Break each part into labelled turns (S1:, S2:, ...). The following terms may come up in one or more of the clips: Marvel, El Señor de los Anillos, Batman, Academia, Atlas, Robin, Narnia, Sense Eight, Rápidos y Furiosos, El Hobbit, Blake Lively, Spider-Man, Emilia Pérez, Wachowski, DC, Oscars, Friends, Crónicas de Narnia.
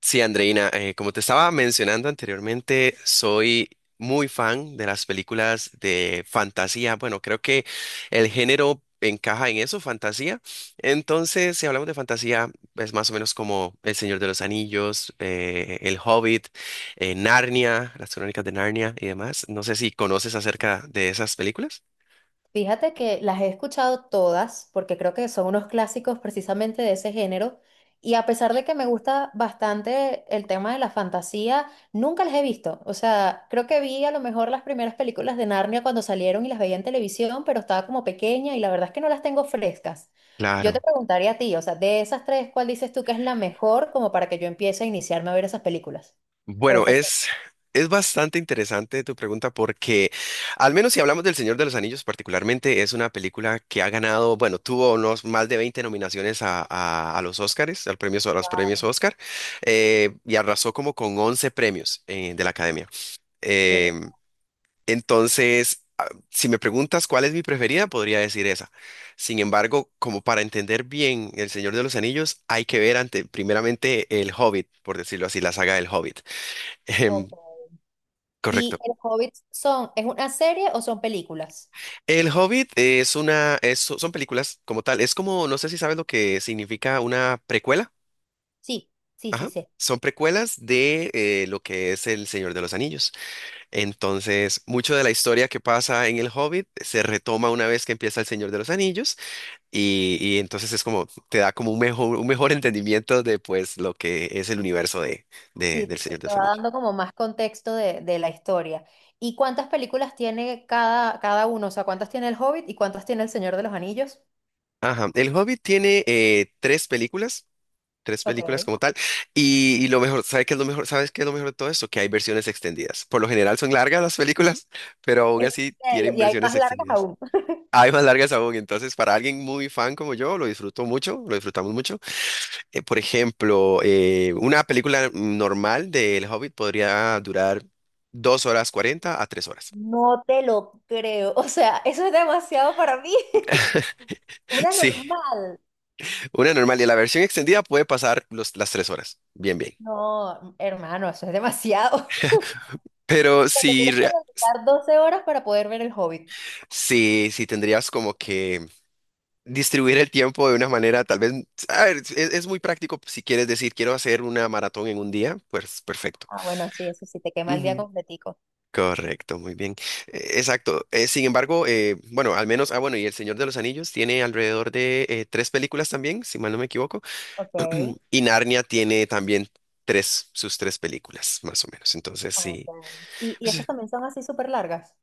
S1: Sí, Andreina, como te estaba mencionando anteriormente, soy muy fan de las películas de fantasía. Bueno, creo que el género encaja en eso, fantasía. Entonces, si hablamos de fantasía, es más o menos como El Señor de los Anillos, El Hobbit, Narnia, las Crónicas de Narnia y demás. No sé si conoces acerca de esas películas.
S2: Fíjate que las he escuchado todas, porque creo que son unos clásicos precisamente de ese género, y a pesar de que me gusta bastante el tema de la fantasía, nunca las he visto. O sea, creo que vi a lo mejor las primeras películas de Narnia cuando salieron y las veía en televisión, pero estaba como pequeña y la verdad es que no las tengo frescas. Yo te
S1: Claro.
S2: preguntaría a ti, o sea, de esas tres, ¿cuál dices tú que es la mejor como para que yo empiece a iniciarme a ver esas películas? O
S1: Bueno,
S2: esas series.
S1: es bastante interesante tu pregunta porque, al menos si hablamos del Señor de los Anillos particularmente, es una película que ha ganado, bueno, tuvo unos más de 20 nominaciones a los Oscars, al premio, a los premios
S2: Wow,
S1: Oscar, y arrasó como con 11 premios de la Academia.
S2: qué
S1: Em, entonces, si me preguntas cuál es mi preferida, podría decir esa. Sin embargo, como para entender bien El Señor de los Anillos, hay que ver primeramente El Hobbit, por decirlo así, la saga del Hobbit.
S2: loco.
S1: Correcto.
S2: ¿Y El Hobbit son, es una serie o son películas?
S1: El Hobbit son películas como tal. Es como, no sé si sabes lo que significa una precuela.
S2: Sí, sí, sí,
S1: Ajá.
S2: sé.
S1: Son precuelas de lo que es El Señor de los Anillos. Entonces, mucho de la historia que pasa en El Hobbit se retoma una vez que empieza El Señor de los Anillos y entonces es como, te da como un mejor entendimiento de pues lo que es el universo de,
S2: Sí,
S1: del
S2: te
S1: Señor de
S2: te
S1: los
S2: va
S1: Anillos.
S2: dando como más contexto de la historia. ¿Y cuántas películas tiene cada, cada uno? O sea, ¿cuántas tiene El Hobbit y cuántas tiene El Señor de los Anillos?
S1: Ajá. El Hobbit tiene tres películas
S2: Ok.
S1: como tal. Y lo mejor, ¿sabes qué es lo mejor? ¿Sabes qué es lo mejor de todo esto? Que hay versiones extendidas. Por lo general son largas las películas, pero aún
S2: En
S1: así
S2: serio,
S1: tienen
S2: y hay
S1: versiones
S2: más largas
S1: extendidas.
S2: aún.
S1: Hay más largas aún, entonces para alguien muy fan como yo, lo disfruto mucho, lo disfrutamos mucho. Por ejemplo, una película normal de El Hobbit podría durar 2 horas 40 a 3 horas.
S2: No te lo creo. O sea, eso es demasiado para mí. Una
S1: Sí,
S2: normal.
S1: una normal y la versión extendida puede pasar las 3 horas. Bien, bien.
S2: No, hermano, eso es demasiado.
S1: Pero
S2: Porque
S1: si,
S2: tienes que
S1: rea-
S2: dedicar 12 horas para poder ver El Hobbit.
S1: si, si tendrías como que distribuir el tiempo de una manera, tal vez, a ver, es muy práctico si quieres decir, quiero hacer una maratón en un día, pues perfecto.
S2: Ah, bueno, sí, eso sí, te quema el día
S1: Ujú,
S2: completico.
S1: correcto, muy bien. Exacto. Sin embargo, bueno, al menos, bueno, y El Señor de los Anillos tiene alrededor de tres películas también, si mal no me equivoco.
S2: Ok.
S1: Y Narnia tiene también sus tres películas, más o menos. Entonces,
S2: Ok.
S1: sí.
S2: Y
S1: Pues,
S2: esas también son así súper largas?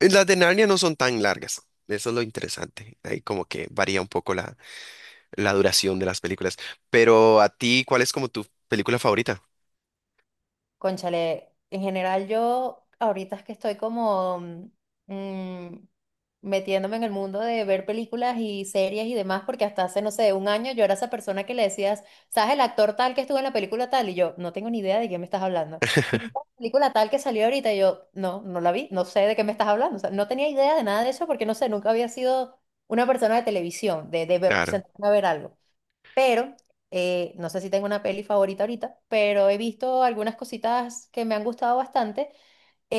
S1: las de Narnia no son tan largas. Eso es lo interesante. Ahí como que varía un poco la duración de las películas. Pero a ti, ¿cuál es como tu película favorita?
S2: Cónchale, en general yo ahorita es que estoy como mm, metiéndome en el mundo de ver películas y series y demás, porque hasta hace, no sé, un año yo era esa persona que le decías, ¿sabes el actor tal que estuvo en la película tal? Y yo, no tengo ni idea de quién me estás hablando. Y la película tal que salió ahorita, y yo, no, no la vi, no sé de qué me estás hablando. O sea, no tenía idea de nada de eso porque, no sé, nunca había sido una persona de televisión, de
S1: Claro.
S2: sentarme a ver algo. Pero no sé si tengo una peli favorita ahorita, pero he visto algunas cositas que me han gustado bastante.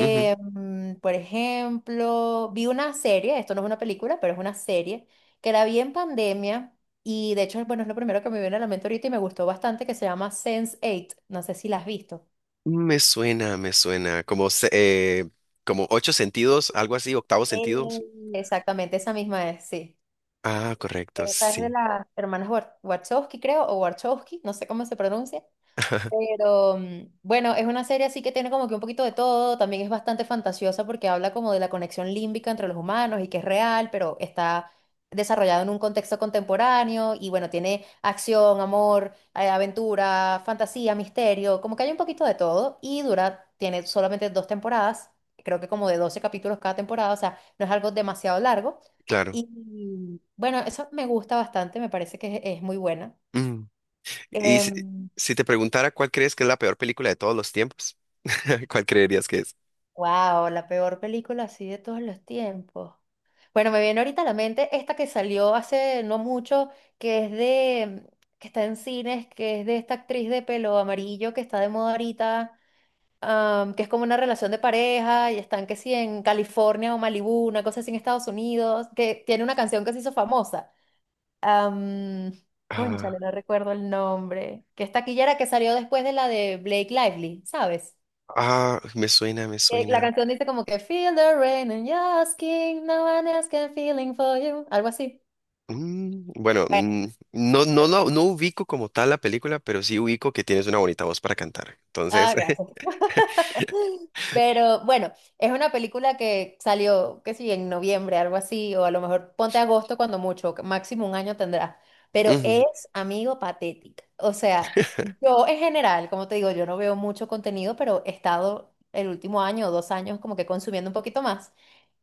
S1: Ujú.
S2: mm, Por ejemplo, vi una serie, esto no es una película, pero es una serie, que la vi en pandemia y de hecho, bueno, es lo primero que me viene a la mente ahorita y me gustó bastante, que se llama sense Eight. No sé si la has visto.
S1: Me suena, me suena. Como, como ocho sentidos, algo así, octavo sentido.
S2: Eh, Exactamente, esa misma es, sí.
S1: Ah, correcto,
S2: Esa es de
S1: sí.
S2: las hermanas Wachowski, creo, o Warchowski, no sé cómo se pronuncia. Pero bueno, es una serie así que tiene como que un poquito de todo, también es bastante fantasiosa porque habla como de la conexión límbica entre los humanos y que es real, pero está desarrollado en un contexto contemporáneo y bueno, tiene acción, amor, aventura, fantasía, misterio, como que hay un poquito de todo y dura, tiene solamente 2 temporadas, creo que como de 12 capítulos cada temporada, o sea, no es algo demasiado largo.
S1: Claro.
S2: Y bueno, eso me gusta bastante, me parece que es muy buena.
S1: Mm. Y si,
S2: Em,
S1: si te preguntara cuál crees que es la peor película de todos los tiempos, ¿cuál creerías que es?
S2: Wow, la peor película así de todos los tiempos. Bueno, me viene ahorita a la mente esta que salió hace no mucho, que es de, que está en cines, que es de esta actriz de pelo amarillo que está de moda ahorita, que es como una relación de pareja y están que sí en California o Malibú, una cosa así en Estados Unidos, que tiene una canción que se hizo famosa. Um, cónchale,
S1: Ah,
S2: no recuerdo el nombre. Que es taquillera que salió después de la de Blake Lively, ¿sabes?
S1: ah, me suena, me
S2: La
S1: suena.
S2: canción dice como que Feel the rain and you're asking, no one else can feeling for you, algo así.
S1: Bueno,
S2: Bueno,
S1: no, no, no, no ubico como tal la película, pero sí ubico que tienes una bonita voz para cantar. Entonces,
S2: ah, gracias. Pero bueno, es una película que salió, qué sé yo, en noviembre, algo así, o a lo mejor ponte agosto cuando mucho, que máximo un año tendrá. Pero
S1: Ujú,
S2: es, amigo, patética. O sea, yo en general, como te digo, yo no veo mucho contenido, pero he estado el último año o dos años como que consumiendo un poquito más.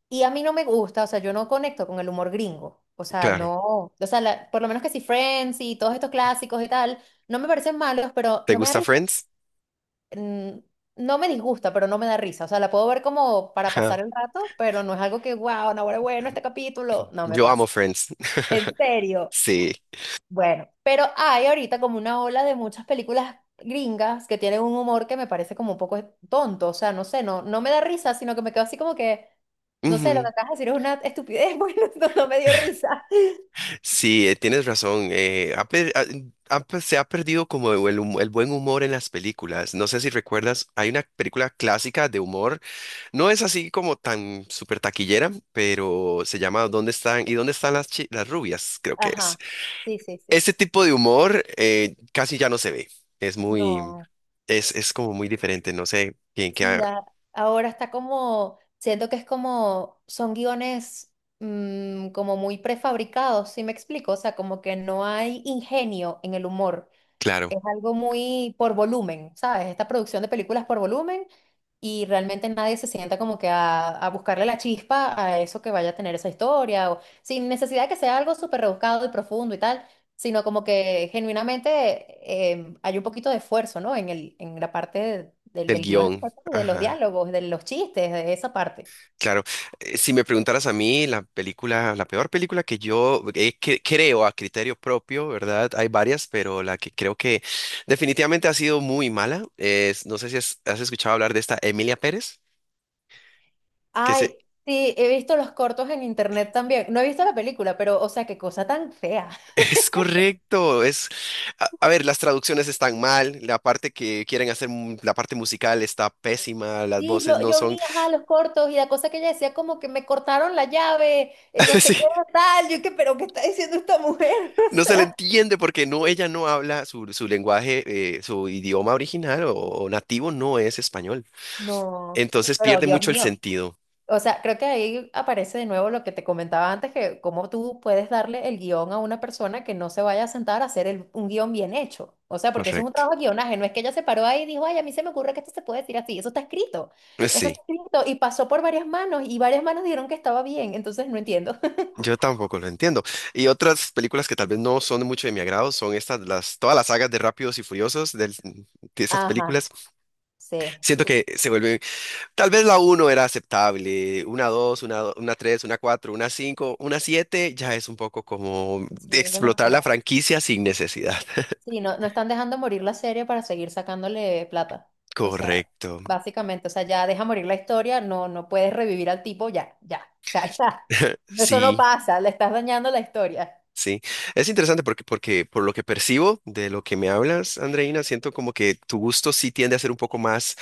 S2: Y a mí no me gusta, o sea, yo no conecto con el humor gringo. O sea,
S1: claro.
S2: no, o sea, por lo menos que si Friends y todos estos clásicos y tal, no me parecen malos, pero
S1: ¿Te
S2: no me da
S1: gusta
S2: risa.
S1: Friends?
S2: Mm, No me disgusta, pero no me da risa. O sea, la puedo ver como para pasar
S1: Ja,
S2: el rato, pero no es algo que, wow, no, bueno, bueno, este capítulo, no me
S1: yo amo
S2: pasa.
S1: Friends.
S2: En serio.
S1: Sí.
S2: Bueno, pero hay ahorita como una ola de muchas películas gringas que tienen un humor que me parece como un poco tonto, o sea, no sé, no, no me da risa, sino que me quedo así como que, no sé, lo que
S1: Ujú.
S2: acabas de decir es una estupidez, bueno, no, no me dio risa.
S1: Sí, tienes razón. Ha per- ha- ha per- se ha perdido como el buen humor en las películas. No sé si recuerdas, hay una película clásica de humor. No es así como tan súper taquillera, pero se llama ¿Dónde están? ¿Y dónde están las rubias? Creo que es.
S2: Ajá, sí, sí, sí.
S1: Ese tipo de humor casi ya no se ve. Es muy,
S2: No,
S1: es como muy diferente. No sé bien qué,
S2: sí, ahora está como, siento que es como, son guiones como muy prefabricados, ¿sí me explico? O sea, como que no hay ingenio en el humor.
S1: claro,
S2: Es algo muy por volumen, ¿sabes? Esta producción de películas por volumen y realmente nadie se sienta como que a buscarle la chispa a eso que vaya a tener esa historia, o sin necesidad de que sea algo súper rebuscado y profundo y tal, sino como que genuinamente hay un poquito de esfuerzo, ¿no? En el, en la parte del,
S1: del
S2: del guión,
S1: guión.
S2: de los
S1: Ajá.
S2: diálogos, de los chistes, de esa parte.
S1: Claro, si me preguntaras a mí, la película, la peor película que yo creo a criterio propio, ¿verdad? Hay varias, pero la que creo que definitivamente ha sido muy mala es, no sé si has escuchado hablar de esta Emilia Pérez, que se,
S2: Ay, sí, he visto los cortos en internet también. No he visto la película, pero, o sea, qué cosa tan fea.
S1: es correcto, es, a ver, las traducciones están mal, la parte que quieren hacer, la parte musical está pésima, las
S2: Sí,
S1: voces
S2: yo,
S1: no
S2: yo
S1: son,
S2: vi, ajá, los cortos y la cosa que ella decía como que me cortaron la llave, no sé
S1: sí,
S2: qué tal, yo que, pero ¿qué está diciendo esta mujer? O
S1: no se le
S2: sea,
S1: entiende porque no, ella no habla su lenguaje, su idioma original o nativo no es español.
S2: no,
S1: Entonces
S2: pero
S1: pierde
S2: Dios
S1: mucho el
S2: mío.
S1: sentido.
S2: O sea, creo que ahí aparece de nuevo lo que te comentaba antes, que cómo tú puedes darle el guión a una persona que no se vaya a sentar a hacer un guión bien hecho. O sea, porque eso es un
S1: Correcto.
S2: trabajo de guionaje, no es que ella se paró ahí y dijo, ay, a mí se me ocurre que esto se puede decir así, eso está
S1: Sí,
S2: escrito y pasó por varias manos y varias manos dijeron que estaba bien, entonces no entiendo.
S1: yo tampoco lo entiendo. Y otras películas que tal vez no son mucho de mi agrado son estas, todas las sagas de Rápidos y Furiosos de esas
S2: Ajá,
S1: películas.
S2: sí.
S1: Siento que se vuelven, tal vez la uno era aceptable, una 2, una 3, una 4, una 5, una 7 ya es un poco como de
S2: Sí, es
S1: explotar la
S2: demasiado.
S1: franquicia sin necesidad.
S2: Sí, no, no están dejando morir la serie para seguir sacándole plata. O sea,
S1: Correcto.
S2: básicamente, o sea, ya deja morir la historia, no, no puedes revivir al tipo, ya, ya. O sea, ya. Eso no
S1: Sí.
S2: pasa, le estás dañando la historia.
S1: Sí, es interesante porque por lo que percibo de lo que me hablas, Andreina, siento como que tu gusto sí tiende a ser un poco más,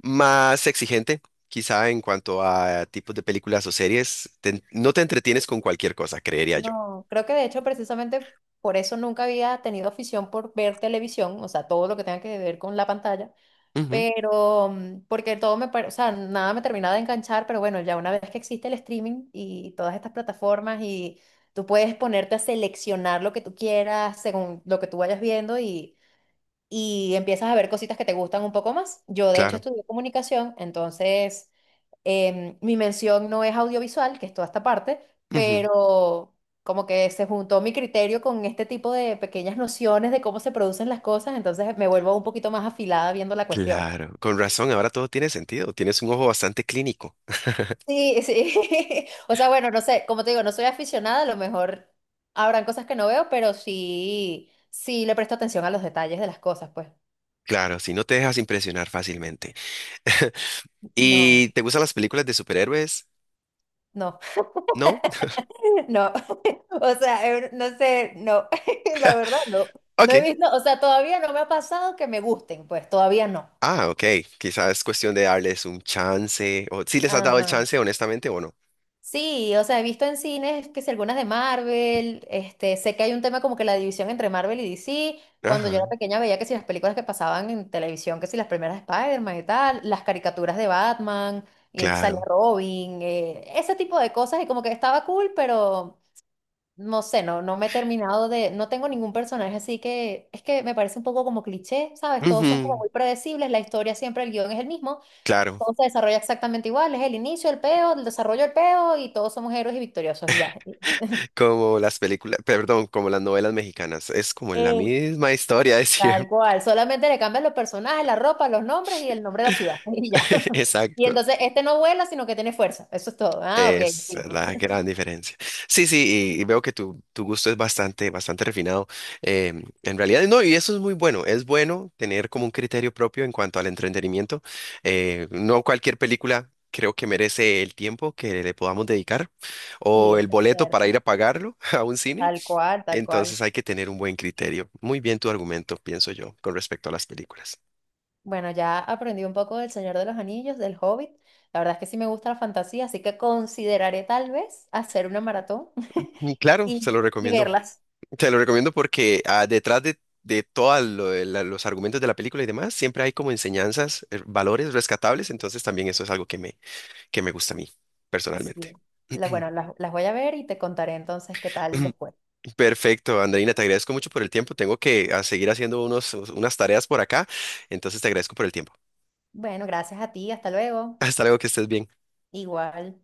S1: más exigente, quizá en cuanto a tipos de películas o series. No te entretienes con cualquier cosa, creería yo.
S2: No, creo que de hecho precisamente por eso nunca había tenido afición por ver televisión, o sea, todo lo que tenga que ver con la pantalla,
S1: Ujú,
S2: pero, porque todo me, o sea, nada me terminaba de enganchar, pero bueno, ya una vez que existe el streaming y todas estas plataformas y tú puedes ponerte a seleccionar lo que tú quieras según lo que tú vayas viendo y empiezas a ver cositas que te gustan un poco más. Yo de hecho
S1: claro,
S2: estudié comunicación, entonces mi mención no es audiovisual, que es toda esta parte,
S1: ujú,
S2: pero como que se juntó mi criterio con este tipo de pequeñas nociones de cómo se producen las cosas, entonces me vuelvo un poquito más afilada viendo la cuestión, pues.
S1: claro. Con razón, ahora todo tiene sentido. Tienes un ojo bastante clínico.
S2: Sí, sí. O sea, bueno, no sé, como te digo, no soy aficionada, a lo mejor habrán cosas que no veo, pero sí, sí le presto atención a los detalles de las cosas, pues.
S1: Claro, si no te dejas impresionar fácilmente.
S2: No,
S1: ¿Y te gustan las películas de superhéroes?
S2: no,
S1: ¿No?
S2: no. O sea, no sé, no. La verdad, no. No he
S1: Ok.
S2: visto, o sea, todavía no me ha pasado que me gusten, pues, todavía no.
S1: Ah, ok. Quizás es cuestión de darles un chance. O si les has dado el
S2: Ajá.
S1: chance, honestamente, o no.
S2: Sí, o sea, he visto en cines que si algunas de Marvel, este, sé que hay un tema como que la división entre Marvel y DC. Cuando yo era
S1: Ajá,
S2: pequeña veía que si las películas que pasaban en televisión, que si las primeras de Spider-Man y tal, las caricaturas de Batman, y que sale
S1: claro.
S2: Robin, ese tipo de cosas y como que estaba cool, pero no sé, no, no me he terminado de, no tengo ningún personaje así que es que me parece un poco como cliché, ¿sabes? Todos son como
S1: Ujú,
S2: muy predecibles, la historia siempre, el guión es el mismo,
S1: claro.
S2: todo se desarrolla exactamente igual, es el inicio, el peo, el desarrollo, el peo, y todos somos héroes y victoriosos, y ya.
S1: Como las películas, perdón, como las novelas mexicanas. Es como la
S2: Eh,
S1: misma historia de
S2: Tal
S1: siempre.
S2: cual, solamente le cambian los personajes, la ropa, los nombres y el nombre de la ciudad, y ya. Y
S1: Exacto.
S2: entonces este no vuela, sino que tiene fuerza, eso es todo. Ah, ok.
S1: Es
S2: Fino.
S1: la gran diferencia. Sí, sí, y veo que tu gusto es bastante, bastante refinado. En realidad, no, y eso es muy bueno. Es bueno tener como un criterio propio en cuanto al entretenimiento. No cualquier película creo que merece el tiempo que le podamos dedicar
S2: Sí,
S1: o el
S2: eso es
S1: boleto para
S2: cierto.
S1: ir a pagarlo a un cine.
S2: Tal cual, tal cual.
S1: Entonces hay que tener un buen criterio. Muy bien tu argumento, pienso yo, con respecto a las películas.
S2: Bueno, ya aprendí un poco del Señor de los Anillos, del Hobbit. La verdad es que sí me gusta la fantasía, así que consideraré tal vez hacer una maratón
S1: Y claro, se
S2: y,
S1: lo
S2: y
S1: recomiendo.
S2: verlas.
S1: Te lo recomiendo porque detrás de todos los argumentos de la película y demás, siempre hay como enseñanzas, valores rescatables, entonces también eso es algo que me gusta a mí, personalmente.
S2: Sí. Bueno, las voy a ver y te contaré entonces qué tal después.
S1: Perfecto, Andreina, te agradezco mucho por el tiempo. Tengo que seguir haciendo unas tareas por acá, entonces te agradezco por el tiempo.
S2: Bueno, gracias a ti, hasta luego.
S1: Hasta luego, que estés bien.
S2: Igual.